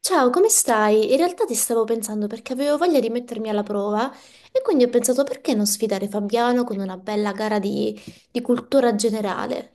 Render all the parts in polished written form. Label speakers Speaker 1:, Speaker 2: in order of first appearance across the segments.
Speaker 1: Ciao, come stai? In realtà ti stavo pensando perché avevo voglia di mettermi alla prova e quindi ho pensato perché non sfidare Fabiano con una bella gara di cultura generale.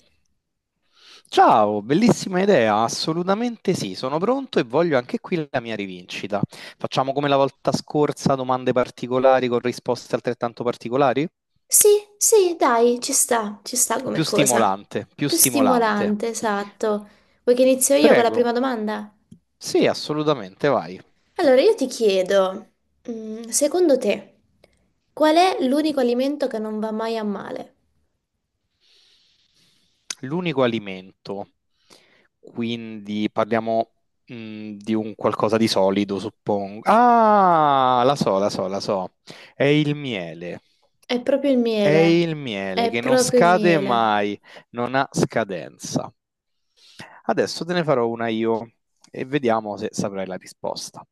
Speaker 2: Ciao, bellissima idea, assolutamente sì, sono pronto e voglio anche qui la mia rivincita. Facciamo come la volta scorsa, domande particolari con risposte altrettanto particolari?
Speaker 1: Sì, sì, dai, ci sta come
Speaker 2: Più
Speaker 1: cosa.
Speaker 2: stimolante, più
Speaker 1: Più
Speaker 2: stimolante.
Speaker 1: stimolante, esatto. Vuoi che inizio io con la
Speaker 2: Prego.
Speaker 1: prima domanda?
Speaker 2: Sì, assolutamente, vai.
Speaker 1: Allora, io ti chiedo, secondo te, qual è l'unico alimento che non va mai a male?
Speaker 2: L'unico alimento. Quindi parliamo di un qualcosa di solido, suppongo. Ah, la so, la so, la so. È il miele.
Speaker 1: È proprio il
Speaker 2: È
Speaker 1: miele,
Speaker 2: il miele
Speaker 1: è
Speaker 2: che non
Speaker 1: proprio il
Speaker 2: scade
Speaker 1: miele.
Speaker 2: mai, non ha scadenza. Adesso te ne farò una io e vediamo se saprai la risposta.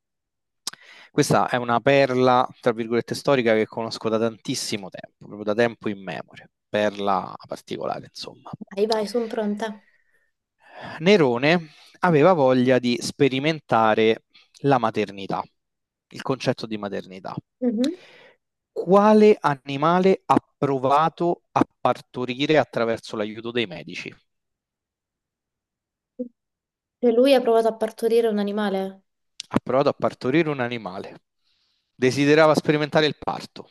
Speaker 2: Questa è una perla, tra virgolette, storica che conosco da tantissimo tempo, proprio da tempo in memoria, perla particolare, insomma.
Speaker 1: Vai, vai, sono pronta.
Speaker 2: Nerone aveva voglia di sperimentare la maternità, il concetto di maternità.
Speaker 1: Mhm.
Speaker 2: Quale animale ha provato a partorire attraverso l'aiuto dei medici?
Speaker 1: Cioè, lui ha provato a partorire un animale,
Speaker 2: Ha provato a partorire un animale. Desiderava sperimentare il parto.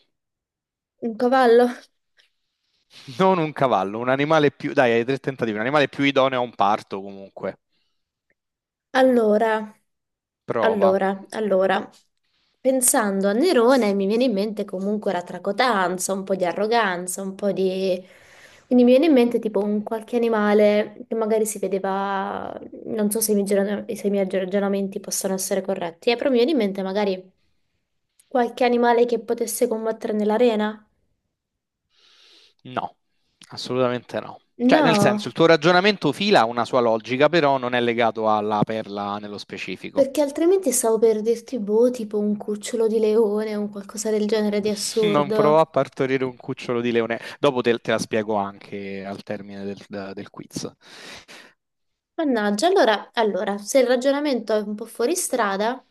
Speaker 1: un cavallo.
Speaker 2: Non un cavallo, un animale più... Dai, hai tre tentativi. Un animale più idoneo a un parto comunque.
Speaker 1: Allora,
Speaker 2: Prova.
Speaker 1: allora, pensando a Nerone mi viene in mente comunque la tracotanza, un po' di arroganza, un po' di... Quindi mi viene in mente tipo un qualche animale che magari si vedeva, non so se i miei, se i miei ragionamenti possono essere corretti, però mi viene in mente magari qualche animale che potesse combattere nell'arena.
Speaker 2: No, assolutamente no. Cioè, nel senso, il
Speaker 1: No.
Speaker 2: tuo ragionamento fila ha una sua logica, però non è legato alla perla nello specifico.
Speaker 1: Perché altrimenti stavo per dirti, boh, tipo un cucciolo di leone o un qualcosa del genere di
Speaker 2: Non provò
Speaker 1: assurdo.
Speaker 2: a partorire un cucciolo di leone. Dopo te, te la spiego anche al termine del quiz.
Speaker 1: Mannaggia, allora, se il ragionamento è un po' fuori strada,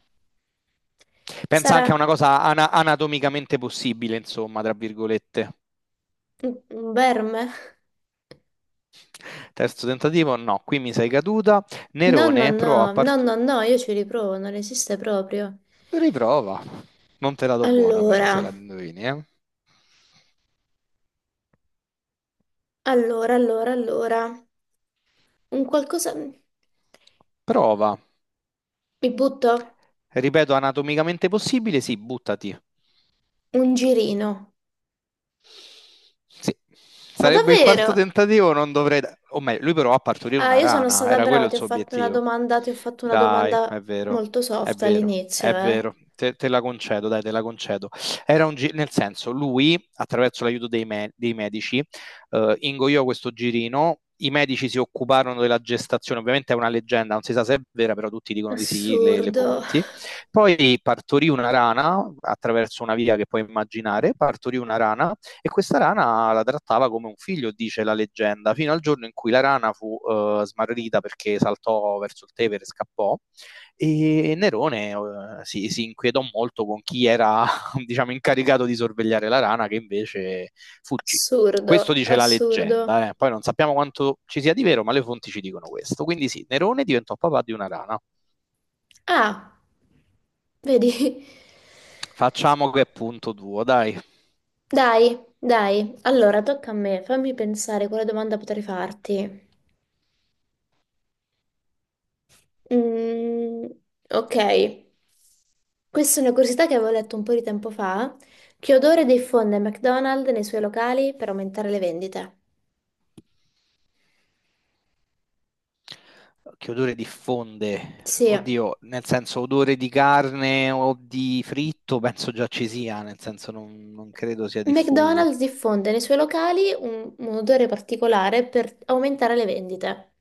Speaker 2: Pensa
Speaker 1: sarà
Speaker 2: anche a una cosa anatomicamente possibile, insomma, tra virgolette.
Speaker 1: un verme?
Speaker 2: Terzo tentativo, no, qui mi sei caduta.
Speaker 1: No, no,
Speaker 2: Nerone
Speaker 1: no,
Speaker 2: provò a
Speaker 1: no,
Speaker 2: part-
Speaker 1: no, no, io ci riprovo, non esiste proprio.
Speaker 2: Riprova. Non te la do buona, però,
Speaker 1: Allora,
Speaker 2: se la indovini, eh.
Speaker 1: allora, un qualcosa... Mi
Speaker 2: Prova.
Speaker 1: butto?
Speaker 2: Ripeto, anatomicamente possibile, sì, buttati.
Speaker 1: Un girino.
Speaker 2: Sì,
Speaker 1: Ma
Speaker 2: sarebbe il quarto
Speaker 1: davvero?
Speaker 2: tentativo, non dovrei... da- O meglio, lui provò a partorire
Speaker 1: Ah,
Speaker 2: una
Speaker 1: io sono
Speaker 2: rana,
Speaker 1: stata
Speaker 2: era
Speaker 1: brava,
Speaker 2: quello
Speaker 1: ti
Speaker 2: il
Speaker 1: ho
Speaker 2: suo
Speaker 1: fatto una
Speaker 2: obiettivo.
Speaker 1: domanda, ti ho fatto una
Speaker 2: Dai,
Speaker 1: domanda
Speaker 2: è vero,
Speaker 1: molto
Speaker 2: è
Speaker 1: soft
Speaker 2: vero, è
Speaker 1: all'inizio, eh.
Speaker 2: vero. Te la concedo, dai, te la concedo. Era un gi- nel senso, lui, attraverso l'aiuto dei, dei medici, ingoiò questo girino. I medici si occuparono della gestazione, ovviamente è una leggenda, non si sa se è vera, però tutti dicono di sì, le
Speaker 1: Assurdo,
Speaker 2: fonti. Poi partorì una rana attraverso una via che puoi immaginare, partorì una rana e questa rana la trattava come un figlio, dice la leggenda, fino al giorno in cui la rana fu smarrita perché saltò verso il Tevere e scappò. E Nerone si inquietò molto con chi era, diciamo, incaricato di sorvegliare la rana, che invece fuggì.
Speaker 1: assurdo,
Speaker 2: Questo dice la
Speaker 1: assurdo.
Speaker 2: leggenda, eh. Poi non sappiamo quanto ci sia di vero, ma le fonti ci dicono questo. Quindi sì, Nerone diventò papà di una rana.
Speaker 1: Ah, vedi?
Speaker 2: Facciamo che è punto duo, dai.
Speaker 1: Dai, dai. Allora, tocca a me, fammi pensare quale domanda potrei farti. Mm, ok. Questa è una curiosità che avevo letto un po' di tempo fa. Che odore diffonde McDonald's nei suoi locali per aumentare le vendite?
Speaker 2: Che odore diffonde?
Speaker 1: Sì.
Speaker 2: Oddio, nel senso odore di carne o di fritto, penso già ci sia, nel senso non credo sia diffuso.
Speaker 1: McDonald's diffonde nei suoi locali un odore particolare per aumentare le vendite.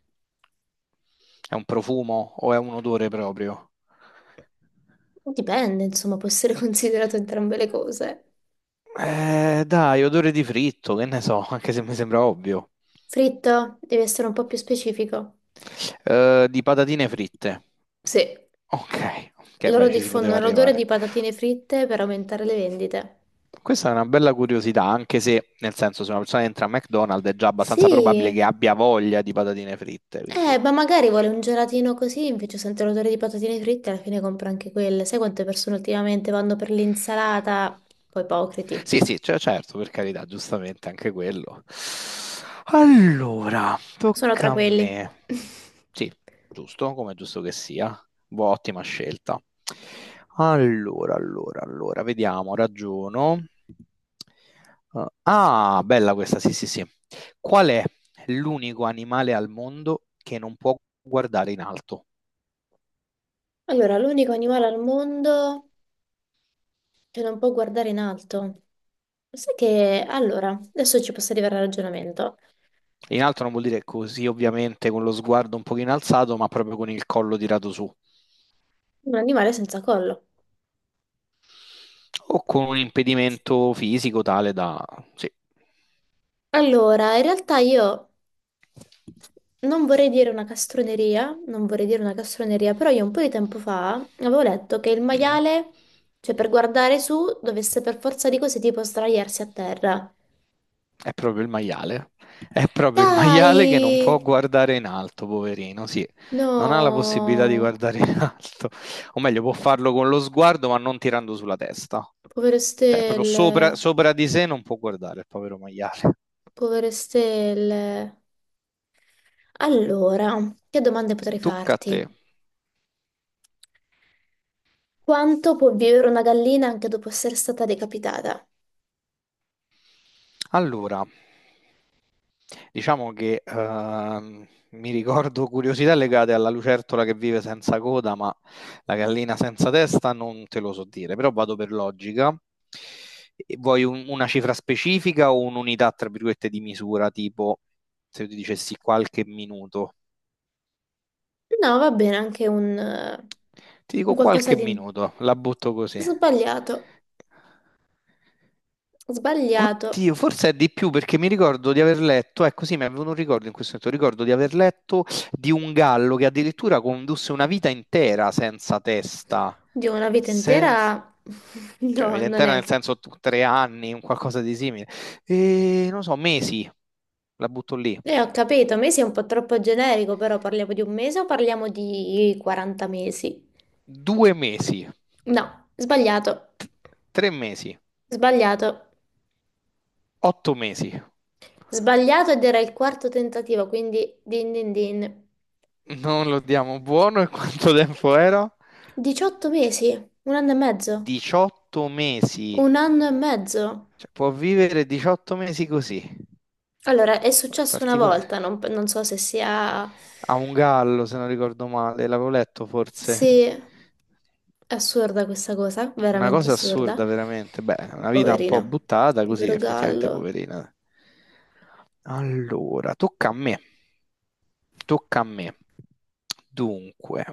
Speaker 2: È un profumo o è un odore proprio?
Speaker 1: Dipende, insomma, può essere considerato entrambe le cose.
Speaker 2: Dai, odore di fritto, che ne so, anche se mi sembra ovvio.
Speaker 1: Fritto, devi essere un po' più specifico.
Speaker 2: Di patatine fritte.
Speaker 1: Sì,
Speaker 2: Ok, ok,
Speaker 1: loro
Speaker 2: beh, ci si poteva
Speaker 1: diffondono l'odore di
Speaker 2: arrivare.
Speaker 1: patatine fritte per aumentare le vendite.
Speaker 2: Questa è una bella curiosità, anche se, nel senso, se una persona entra a McDonald's è già abbastanza probabile che
Speaker 1: Sì,
Speaker 2: abbia voglia di patatine fritte, quindi...
Speaker 1: ma magari vuole un gelatino così, invece sente l'odore di patatine fritte e alla fine compra anche quelle. Sai quante persone ultimamente vanno per l'insalata? Un po' ipocriti.
Speaker 2: Sì, sì, cioè, certo, per carità, giustamente anche quello. Allora,
Speaker 1: Sono tra
Speaker 2: tocca a me.
Speaker 1: quelli.
Speaker 2: Sì, giusto, come è giusto che sia. Boh, ottima scelta. Allora, allora, allora, vediamo, ragiono. Ah, bella questa, sì, sì, sì. Qual è l'unico animale al mondo che non può guardare in alto?
Speaker 1: Allora, l'unico animale al mondo che non può guardare in alto. Sai che, allora, adesso ci posso arrivare al ragionamento.
Speaker 2: In alto non vuol dire così, ovviamente, con lo sguardo un pochino alzato, ma proprio con il collo tirato su.
Speaker 1: Un animale senza collo.
Speaker 2: O con un impedimento fisico tale da... Sì,
Speaker 1: Allora, in realtà io non vorrei dire una castroneria, non vorrei dire una castroneria, però io un po' di tempo fa avevo letto che il
Speaker 2: mhm,
Speaker 1: maiale, cioè per guardare su, dovesse per forza di cose tipo sdraiarsi a terra.
Speaker 2: è proprio il maiale. È proprio il maiale che non può
Speaker 1: Dai!
Speaker 2: guardare in alto, poverino, sì. Non ha la possibilità di
Speaker 1: No!
Speaker 2: guardare in alto. O meglio, può farlo con lo sguardo, ma non tirando sulla testa.
Speaker 1: Povere
Speaker 2: Cioè, proprio
Speaker 1: stelle,
Speaker 2: sopra, sopra di sé non può guardare il povero maiale.
Speaker 1: povere stelle. Allora, che domande potrei
Speaker 2: Tocca a te.
Speaker 1: farti? Quanto può vivere una gallina anche dopo essere stata decapitata?
Speaker 2: Allora... Diciamo che mi ricordo curiosità legate alla lucertola che vive senza coda, ma la gallina senza testa non te lo so dire, però vado per logica. E vuoi una cifra specifica o un'unità, tra virgolette, di misura, tipo se io ti dicessi qualche minuto?
Speaker 1: No, va bene, anche
Speaker 2: Ti dico
Speaker 1: un qualcosa
Speaker 2: qualche
Speaker 1: di...
Speaker 2: minuto, la butto così.
Speaker 1: Sbagliato, sbagliato.
Speaker 2: Oddio, forse è di più perché mi ricordo di aver letto, ecco sì, mi avevano un ricordo in questo momento, ricordo di aver letto di un gallo che addirittura condusse una vita intera senza testa,
Speaker 1: Di una vita
Speaker 2: senza...
Speaker 1: intera?
Speaker 2: cioè una
Speaker 1: No,
Speaker 2: vita
Speaker 1: non
Speaker 2: intera
Speaker 1: è.
Speaker 2: nel senso tre anni, un qualcosa di simile, e non so, mesi, la butto lì,
Speaker 1: E ho capito, mesi è un po' troppo generico, però parliamo di un mese o parliamo di 40 mesi?
Speaker 2: due mesi,
Speaker 1: No, sbagliato,
Speaker 2: tre mesi,
Speaker 1: sbagliato.
Speaker 2: otto mesi,
Speaker 1: Sbagliato ed era il quarto tentativo, quindi din din din.
Speaker 2: non lo diamo buono e quanto tempo era?
Speaker 1: 18 mesi, un anno e mezzo,
Speaker 2: 18 mesi.
Speaker 1: un anno e mezzo.
Speaker 2: Cioè, può vivere 18 mesi così.
Speaker 1: Allora, è
Speaker 2: Beh, è
Speaker 1: successo una
Speaker 2: particolare.
Speaker 1: volta, non so se sia...
Speaker 2: Ha un gallo, se non ricordo male, l'avevo letto forse.
Speaker 1: Sì, è assurda questa cosa,
Speaker 2: Una
Speaker 1: veramente
Speaker 2: cosa
Speaker 1: assurda.
Speaker 2: assurda, veramente. Beh, una vita un
Speaker 1: Poverino,
Speaker 2: po' buttata così,
Speaker 1: povero
Speaker 2: effettivamente,
Speaker 1: gallo.
Speaker 2: poverina. Allora, tocca a me. Tocca a me. Dunque,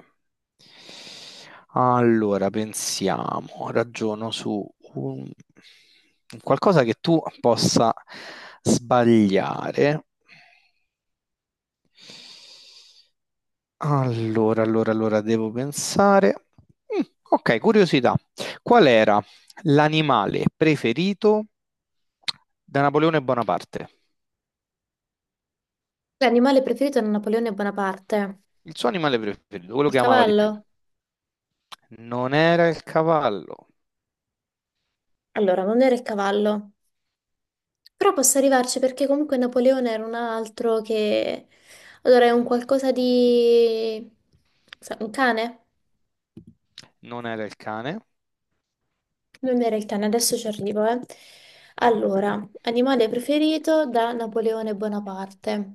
Speaker 2: allora pensiamo, ragiono su un- qualcosa che tu possa sbagliare. Allora, allora, allora, devo pensare. Mm, ok, curiosità. Qual era l'animale preferito da Napoleone Bonaparte?
Speaker 1: L'animale preferito da Napoleone Bonaparte?
Speaker 2: Il suo animale preferito, quello
Speaker 1: Il
Speaker 2: che amava di più.
Speaker 1: cavallo?
Speaker 2: Non era il cavallo,
Speaker 1: Allora, non era il cavallo. Però posso arrivarci perché comunque Napoleone era un altro che... Allora, è un qualcosa di... Un cane?
Speaker 2: non era il cane.
Speaker 1: Non era il cane, adesso ci arrivo, eh. Allora, animale preferito da Napoleone Bonaparte.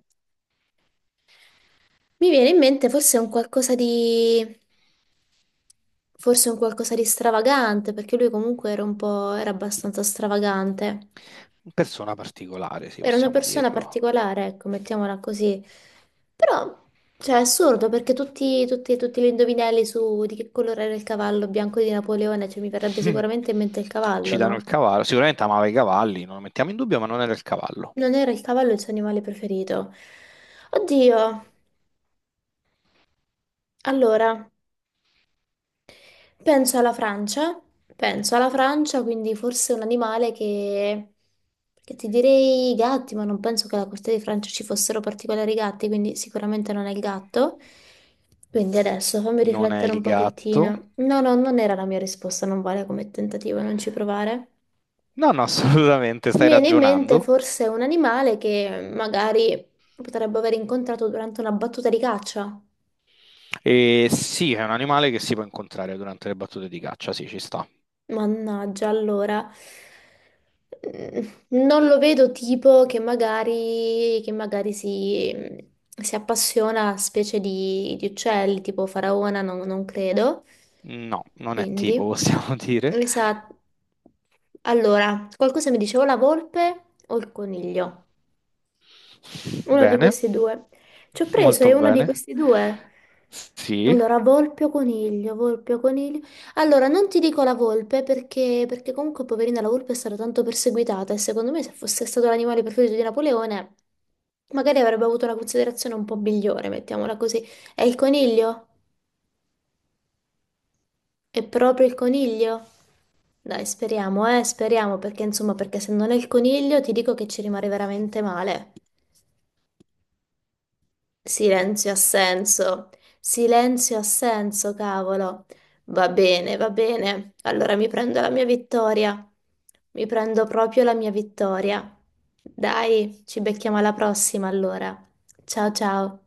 Speaker 1: Mi viene in mente forse un qualcosa di... forse un qualcosa di stravagante, perché lui comunque era un po'... era abbastanza stravagante.
Speaker 2: Persona particolare, se
Speaker 1: Era una
Speaker 2: possiamo
Speaker 1: persona
Speaker 2: dirlo.
Speaker 1: particolare, ecco, mettiamola così. Però, cioè, è assurdo, perché tutti gli indovinelli su di che colore era il cavallo bianco di Napoleone, cioè mi verrebbe sicuramente in mente il cavallo,
Speaker 2: Ci danno il
Speaker 1: no?
Speaker 2: cavallo. Sicuramente amava i cavalli, non lo mettiamo in dubbio, ma non era il cavallo.
Speaker 1: Non era il cavallo il suo animale preferito. Oddio, allora, penso alla Francia, penso alla Francia, quindi forse un animale che... Perché ti direi i gatti, ma non penso che alla costa di Francia ci fossero particolari gatti, quindi sicuramente non è il gatto. Quindi adesso fammi
Speaker 2: Non è
Speaker 1: riflettere
Speaker 2: il
Speaker 1: un
Speaker 2: gatto.
Speaker 1: pochettino. No, no, non era la mia risposta, non vale come tentativo, non ci provare.
Speaker 2: No, no, assolutamente,
Speaker 1: Mi
Speaker 2: stai
Speaker 1: viene in mente
Speaker 2: ragionando.
Speaker 1: forse un animale che magari potrebbe aver incontrato durante una battuta di caccia.
Speaker 2: E sì, è un animale che si può incontrare durante le battute di caccia, sì, ci sta.
Speaker 1: Mannaggia, allora, non lo vedo tipo che magari si appassiona a specie di uccelli, tipo faraona, non, non credo.
Speaker 2: No, non è
Speaker 1: Quindi,
Speaker 2: tipo, possiamo dire.
Speaker 1: esatto. Allora, qualcosa mi diceva la volpe o il coniglio? Uno di
Speaker 2: Bene,
Speaker 1: questi due. Ci ho preso,
Speaker 2: molto
Speaker 1: è uno di
Speaker 2: bene.
Speaker 1: questi due.
Speaker 2: Sì.
Speaker 1: Allora, volpe o coniglio, volpe o coniglio. Allora, non ti dico la volpe perché comunque, poverina, la volpe è stata tanto perseguitata e secondo me se fosse stato l'animale preferito di Napoleone, magari avrebbe avuto una considerazione un po' migliore, mettiamola così. È il coniglio? È proprio il coniglio? Dai, speriamo, speriamo, perché insomma, perché se non è il coniglio ti dico che ci rimane veramente male. Silenzio assenso, silenzio assenso, cavolo. Va bene, va bene. Allora mi prendo la mia vittoria. Mi prendo proprio la mia vittoria. Dai, ci becchiamo alla prossima allora. Ciao ciao.